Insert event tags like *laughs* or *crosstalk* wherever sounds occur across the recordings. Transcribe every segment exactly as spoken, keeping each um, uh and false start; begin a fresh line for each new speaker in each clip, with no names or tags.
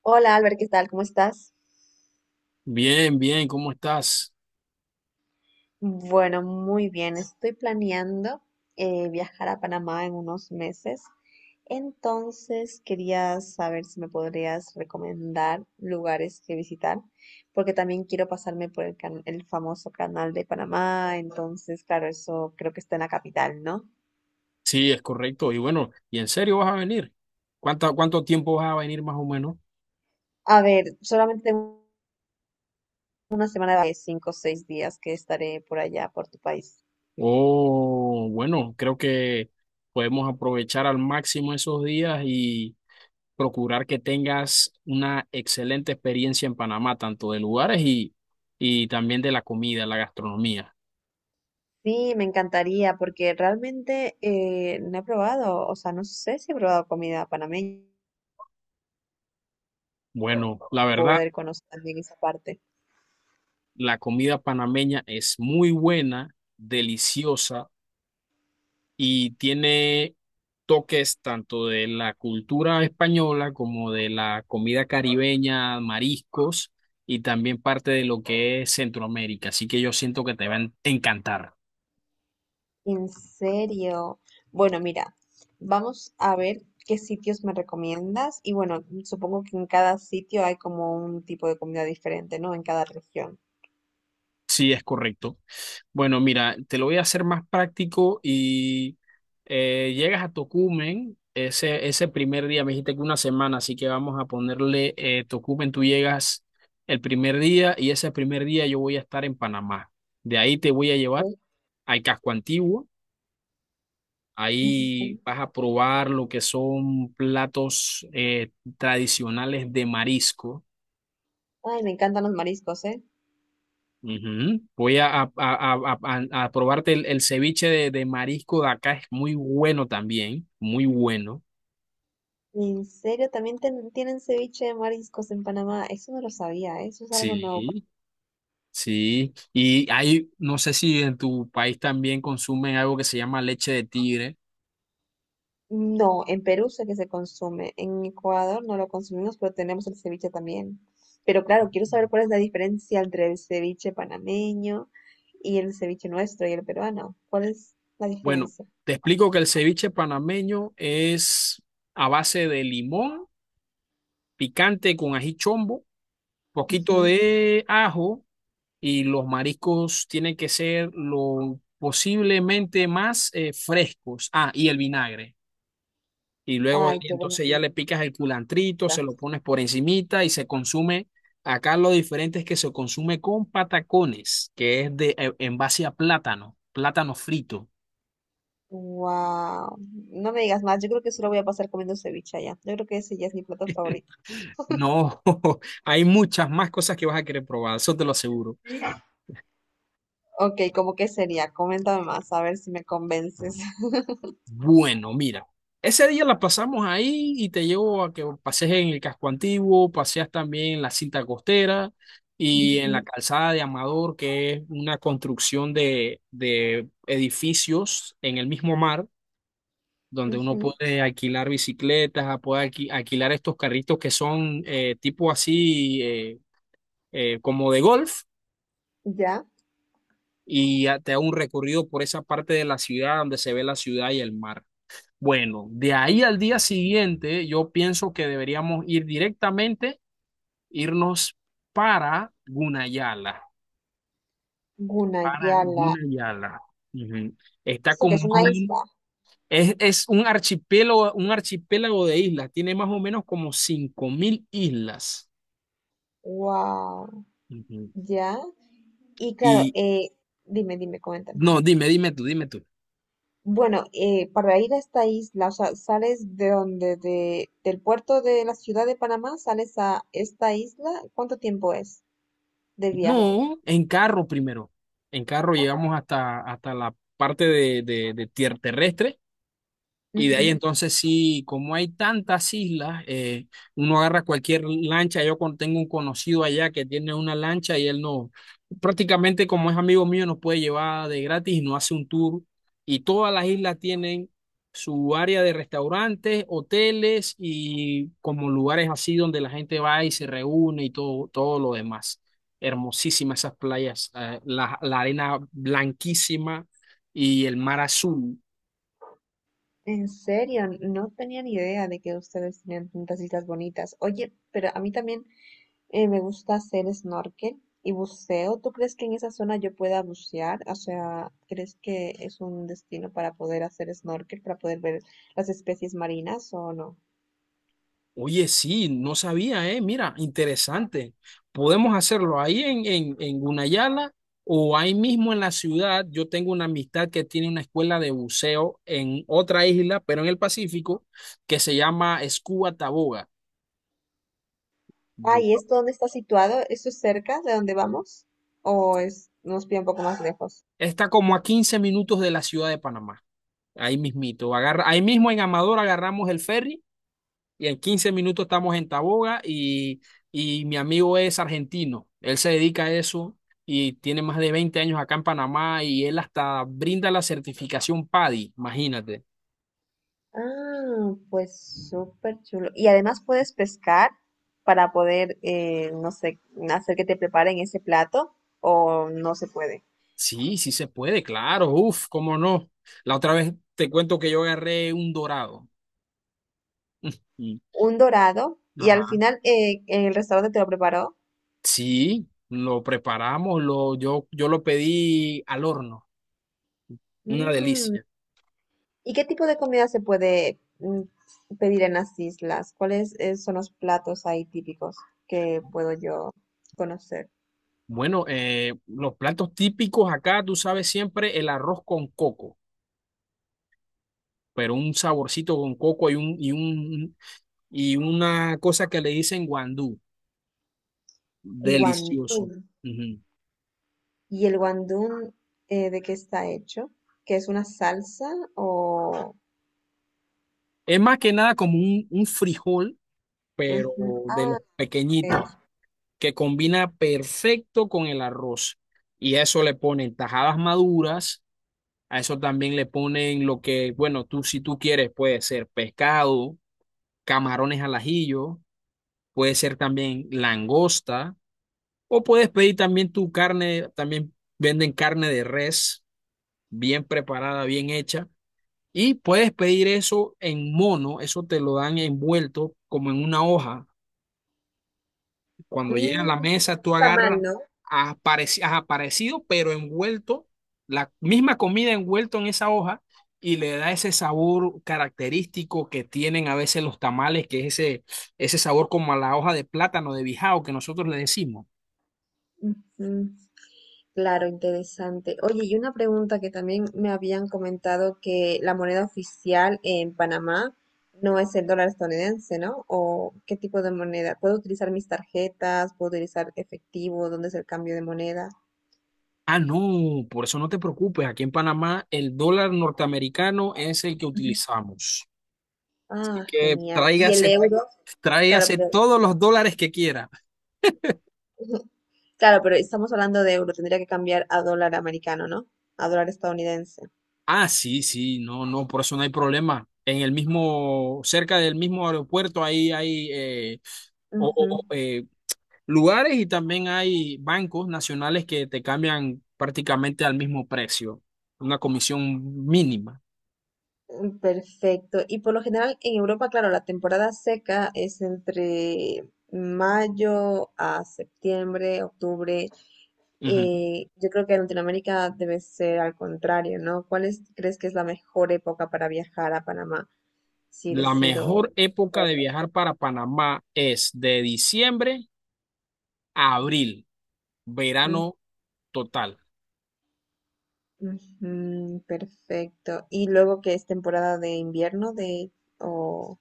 Hola Albert, ¿qué tal? ¿Cómo estás?
Bien, bien, ¿cómo estás?
Bueno, muy bien. Estoy planeando eh, viajar a Panamá en unos meses. Entonces, quería saber si me podrías recomendar lugares que visitar, porque también quiero pasarme por el, can- el famoso canal de Panamá. Entonces, claro, eso creo que está en la capital, ¿no?
Sí, es correcto. Y bueno, ¿y en serio vas a venir? ¿Cuánto, cuánto tiempo vas a venir más o menos?
A ver, solamente tengo una semana de cinco o seis días que estaré por allá, por tu país.
Oh, bueno, creo que podemos aprovechar al máximo esos días y procurar que tengas una excelente experiencia en Panamá, tanto de lugares y, y también de la comida, la gastronomía.
Sí, me encantaría porque realmente eh, no he probado, o sea, no sé si he probado comida panameña,
Bueno, la verdad,
poder conocer también esa parte.
la comida panameña es muy buena, deliciosa y tiene toques tanto de la cultura española como de la comida caribeña, mariscos y también parte de lo que es Centroamérica. Así que yo siento que te va a encantar.
En serio. Bueno, mira, vamos a ver qué sitios me recomiendas y bueno, supongo que en cada sitio hay como un tipo de comida diferente, ¿no? En cada región.
Sí, es correcto. Bueno, mira, te lo voy a hacer más práctico y eh, llegas a Tocumen. Ese, ese primer día, me dijiste que una semana, así que vamos a ponerle eh, Tocumen, tú llegas el primer día y ese primer día yo voy a estar en Panamá. De ahí te voy a llevar,
Ok.
hay casco antiguo, ahí
Ujú.
vas a probar lo que son platos eh, tradicionales de marisco.
Ay, me encantan los mariscos, ¿eh?
Ujú. Voy a, a- a- a- a- a probarte el, el ceviche de, de marisco de acá, es muy bueno también, muy bueno.
En serio, también ten- tienen ceviche de mariscos en Panamá. Eso no lo sabía, ¿eh? Eso es algo nuevo.
Sí, sí. Y hay, no sé si en tu país también consumen algo que se llama leche de tigre.
No, en Perú sé que se consume, en Ecuador no lo consumimos, pero tenemos el ceviche también. Pero claro, quiero saber cuál es la diferencia entre el ceviche panameño y el ceviche nuestro y el peruano. ¿Cuál es la
Bueno,
diferencia?
te explico que el ceviche panameño es a base de limón picante con ají chombo, poquito
Ujú.
de ajo y los mariscos tienen que ser lo posiblemente más eh, frescos. Ah, y el vinagre. Y luego de
Ay,
ahí,
qué buena
entonces ya
pinta.
le picas el culantrito, se lo pones por encimita y se consume. Acá lo diferente es que se consume con patacones, que es de eh, en base a plátano, plátano frito.
Wow. No me digas más, yo creo que solo voy a pasar comiendo ceviche allá. Yo creo que ese ya es mi plato favorito.
No, *laughs* hay muchas más cosas que vas a querer probar, eso te lo aseguro.
Ok, ¿cómo que sería? Coméntame más, a ver si me convences. *laughs*
Bueno, mira, ese día la pasamos ahí y te llevo a que pasees en el casco antiguo, paseas también en la cinta costera y en la
Ujú,
calzada de Amador, que es una construcción de, de edificios en el mismo mar, donde uno
ujú.
puede alquilar bicicletas, puede alqui- alquilar estos carritos que son eh, tipo así eh, eh, como de golf,
Ya,
y ya te da un recorrido por esa parte de la ciudad donde se ve la ciudad y el mar. Bueno, de ahí al día siguiente, yo pienso que deberíamos ir directamente, irnos para Gunayala, para
Gunayala.
Gunayala. Ujú. Está
¿Esto que
como
es
más o
una isla?
menos, es, es un archipiélago, un archipiélago de islas, tiene más o menos como cinco mil islas.
Wow,
Ujú.
ya. Y claro,
Y
eh, dime, dime, coméntame.
no, dime, dime tú, dime tú.
Bueno, eh, para ir a esta isla, o sea, sales de donde, de, del puerto de la ciudad de Panamá, sales a esta isla, ¿cuánto tiempo es de viaje?
No, en carro primero. En carro llegamos hasta, hasta la parte de, de, de tierra terrestre. Y de ahí
Ujú.
entonces sí, como hay tantas islas, eh, uno agarra cualquier lancha. Yo con- tengo un conocido allá que tiene una lancha y él no, prácticamente como es amigo mío, nos puede llevar de gratis y nos hace un tour. Y todas las islas tienen su área de restaurantes, hoteles y como lugares así donde la gente va y se reúne y todo, todo lo demás. Hermosísimas esas playas, eh, la, la arena blanquísima y el mar azul.
En serio, no tenía ni idea de que ustedes tenían tantas islas bonitas. Oye, pero a mí también eh, me gusta hacer snorkel y buceo. ¿Tú crees que en esa zona yo pueda bucear? O sea, ¿crees que es un destino para poder hacer snorkel, para poder ver las especies marinas o no?
Oye, sí, no sabía, ¿eh? Mira, interesante. Podemos hacerlo ahí en, en, en Gunayala o ahí mismo en la ciudad. Yo tengo una amistad que tiene una escuela de buceo en otra isla, pero en el Pacífico, que se llama Scuba Taboga.
Ah,
Yo,
¿y esto dónde está situado? ¿Esto es cerca de donde vamos? ¿O es, nos pide un poco más lejos?
está como a quince minutos de la ciudad de Panamá, ahí mismito. Agarra, ahí mismo en Amador agarramos el ferry y en quince minutos estamos en Taboga y, y mi amigo es argentino, él se dedica a eso y tiene más de veinte años acá en Panamá y él hasta brinda la certificación PADI, imagínate.
Ah, pues súper chulo. Y además puedes pescar para poder, eh, no sé, hacer que te preparen ese plato o no se puede.
Sí, sí se puede, claro, uf, cómo no. La otra vez te cuento que yo agarré un dorado. *laughs* Y-
Un dorado y al
Ajá.
final eh, el restaurante te lo preparó.
Sí, lo preparamos, lo, yo, yo lo pedí al horno, una
Mm,
delicia.
¿Y qué tipo de comida se puede mm, pedir en las islas? ¿Cuáles eh, son los platos ahí típicos que puedo yo conocer?
Bueno, eh, los platos típicos acá, tú sabes siempre, el arroz con coco, pero un saborcito con coco y, un, y, un, y una cosa que le dicen guandú.
Guandún.
Delicioso. Ujú.
¿Y el guandún eh, de qué está hecho? ¿Que es una salsa o...?
Es más que nada como un, un frijol, pero
Ujú.
de
Ah,
los
ok.
pequeñitos, que combina perfecto con el arroz. Y a eso le ponen tajadas maduras, a eso también le ponen lo que, bueno, tú si tú quieres puede ser pescado, camarones al ajillo, puede ser también langosta, o puedes pedir también tu carne, también venden carne de res, bien preparada, bien hecha. Y puedes pedir eso en mono, eso te lo dan envuelto como en una hoja. Cuando llega a
Mm,
la mesa, tú
está mal,
agarras,
¿no?
has aparecido, pero envuelto, la misma comida envuelto en esa hoja y le da ese sabor característico que tienen a veces los tamales, que es ese, ese sabor como a la hoja de plátano de bijao que nosotros le decimos.
Ujú. Claro, interesante. Oye, y una pregunta que también me habían comentado que la moneda oficial en Panamá no es el dólar estadounidense, ¿no? ¿O qué tipo de moneda? ¿Puedo utilizar mis tarjetas? ¿Puedo utilizar efectivo? ¿Dónde es el cambio de moneda?
Ah, no, por eso no te preocupes. Aquí en Panamá el dólar norteamericano es el que
Ujú.
utilizamos. Así
Ah,
que
genial. ¿Y el
tráigase,
euro? Claro,
tráigase
pero
todos los dólares que quiera.
*laughs* claro, pero estamos hablando de euro, tendría que cambiar a dólar americano, ¿no? A dólar estadounidense.
Ah, sí, sí, no, no, por eso no hay problema. En el mismo, cerca del mismo aeropuerto, ahí hay eh, o- o-
Ujú.
o, eh, lugares y también hay bancos nacionales que te cambian prácticamente al mismo precio, una comisión mínima.
Mm, perfecto. Y por lo general en Europa, claro, la temporada seca es entre mayo a septiembre, octubre.
Ujú.
Y yo creo que en Latinoamérica debe ser al contrario, ¿no? ¿Cuál es- crees que es la mejor época para viajar a Panamá si
La
decido
mejor época de
hacerlo?
viajar para Panamá es de diciembre a abril,
Mm,
verano total.
ujú, perfecto. Y luego que es temporada de invierno de o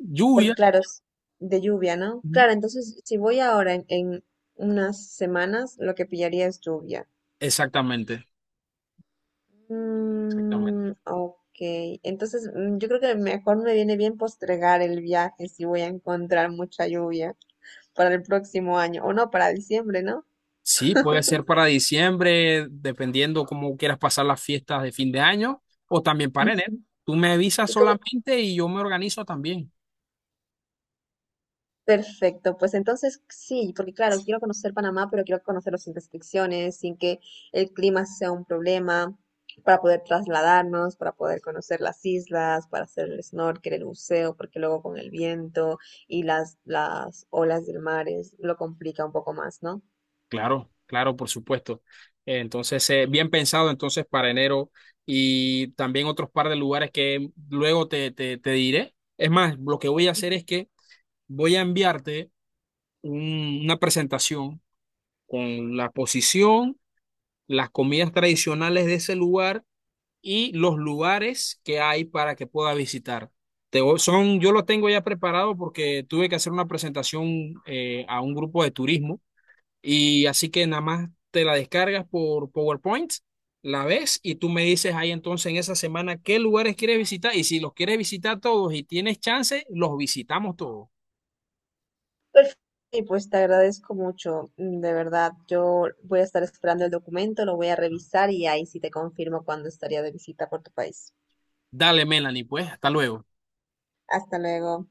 Lluvia.
porque claro, es de lluvia, ¿no?
Ujú.
Claro, entonces si voy ahora en, en unas semanas, lo que pillaría es lluvia.
Exactamente, exactamente.
Mm, ok, entonces mm, yo creo que mejor me viene bien postergar el viaje si voy a encontrar mucha lluvia para el próximo año, o no, para diciembre, ¿no?
Sí, puede ser para diciembre, dependiendo cómo quieras pasar las fiestas de fin de año, o también para enero.
Ujú.
Tú me avisas
Y como,
solamente y yo me organizo también.
perfecto, pues entonces sí, porque claro, quiero conocer Panamá, pero quiero conocerlo sin restricciones, sin que el clima sea un problema, para poder trasladarnos, para poder conocer las islas, para hacer el snorkel, el buceo, porque luego con el viento y las, las olas del mar es- lo complica un poco más, ¿no?
Claro, claro, por supuesto. Eh, Entonces, eh, bien pensado entonces para enero y también otros par de lugares que luego te, te, te diré. Es más, lo que voy a hacer es que voy a enviarte un- una presentación con la posición, las comidas tradicionales de ese lugar y los lugares que hay para que puedas visitar. Te voy- son, yo lo tengo ya preparado porque tuve que hacer una presentación eh, a un grupo de turismo y así que nada más te la descargas por PowerPoint, la ves y tú me dices ahí entonces en esa semana qué lugares quieres visitar y si los quieres visitar todos y tienes chance, los visitamos todos.
Perfecto. Y pues te agradezco mucho, mm, de verdad. Yo voy a estar esperando el documento, lo voy a revisar y ahí sí te confirmo cuándo estaría de visita por tu país.
Dale, Melanie, pues, hasta luego.
Hasta luego.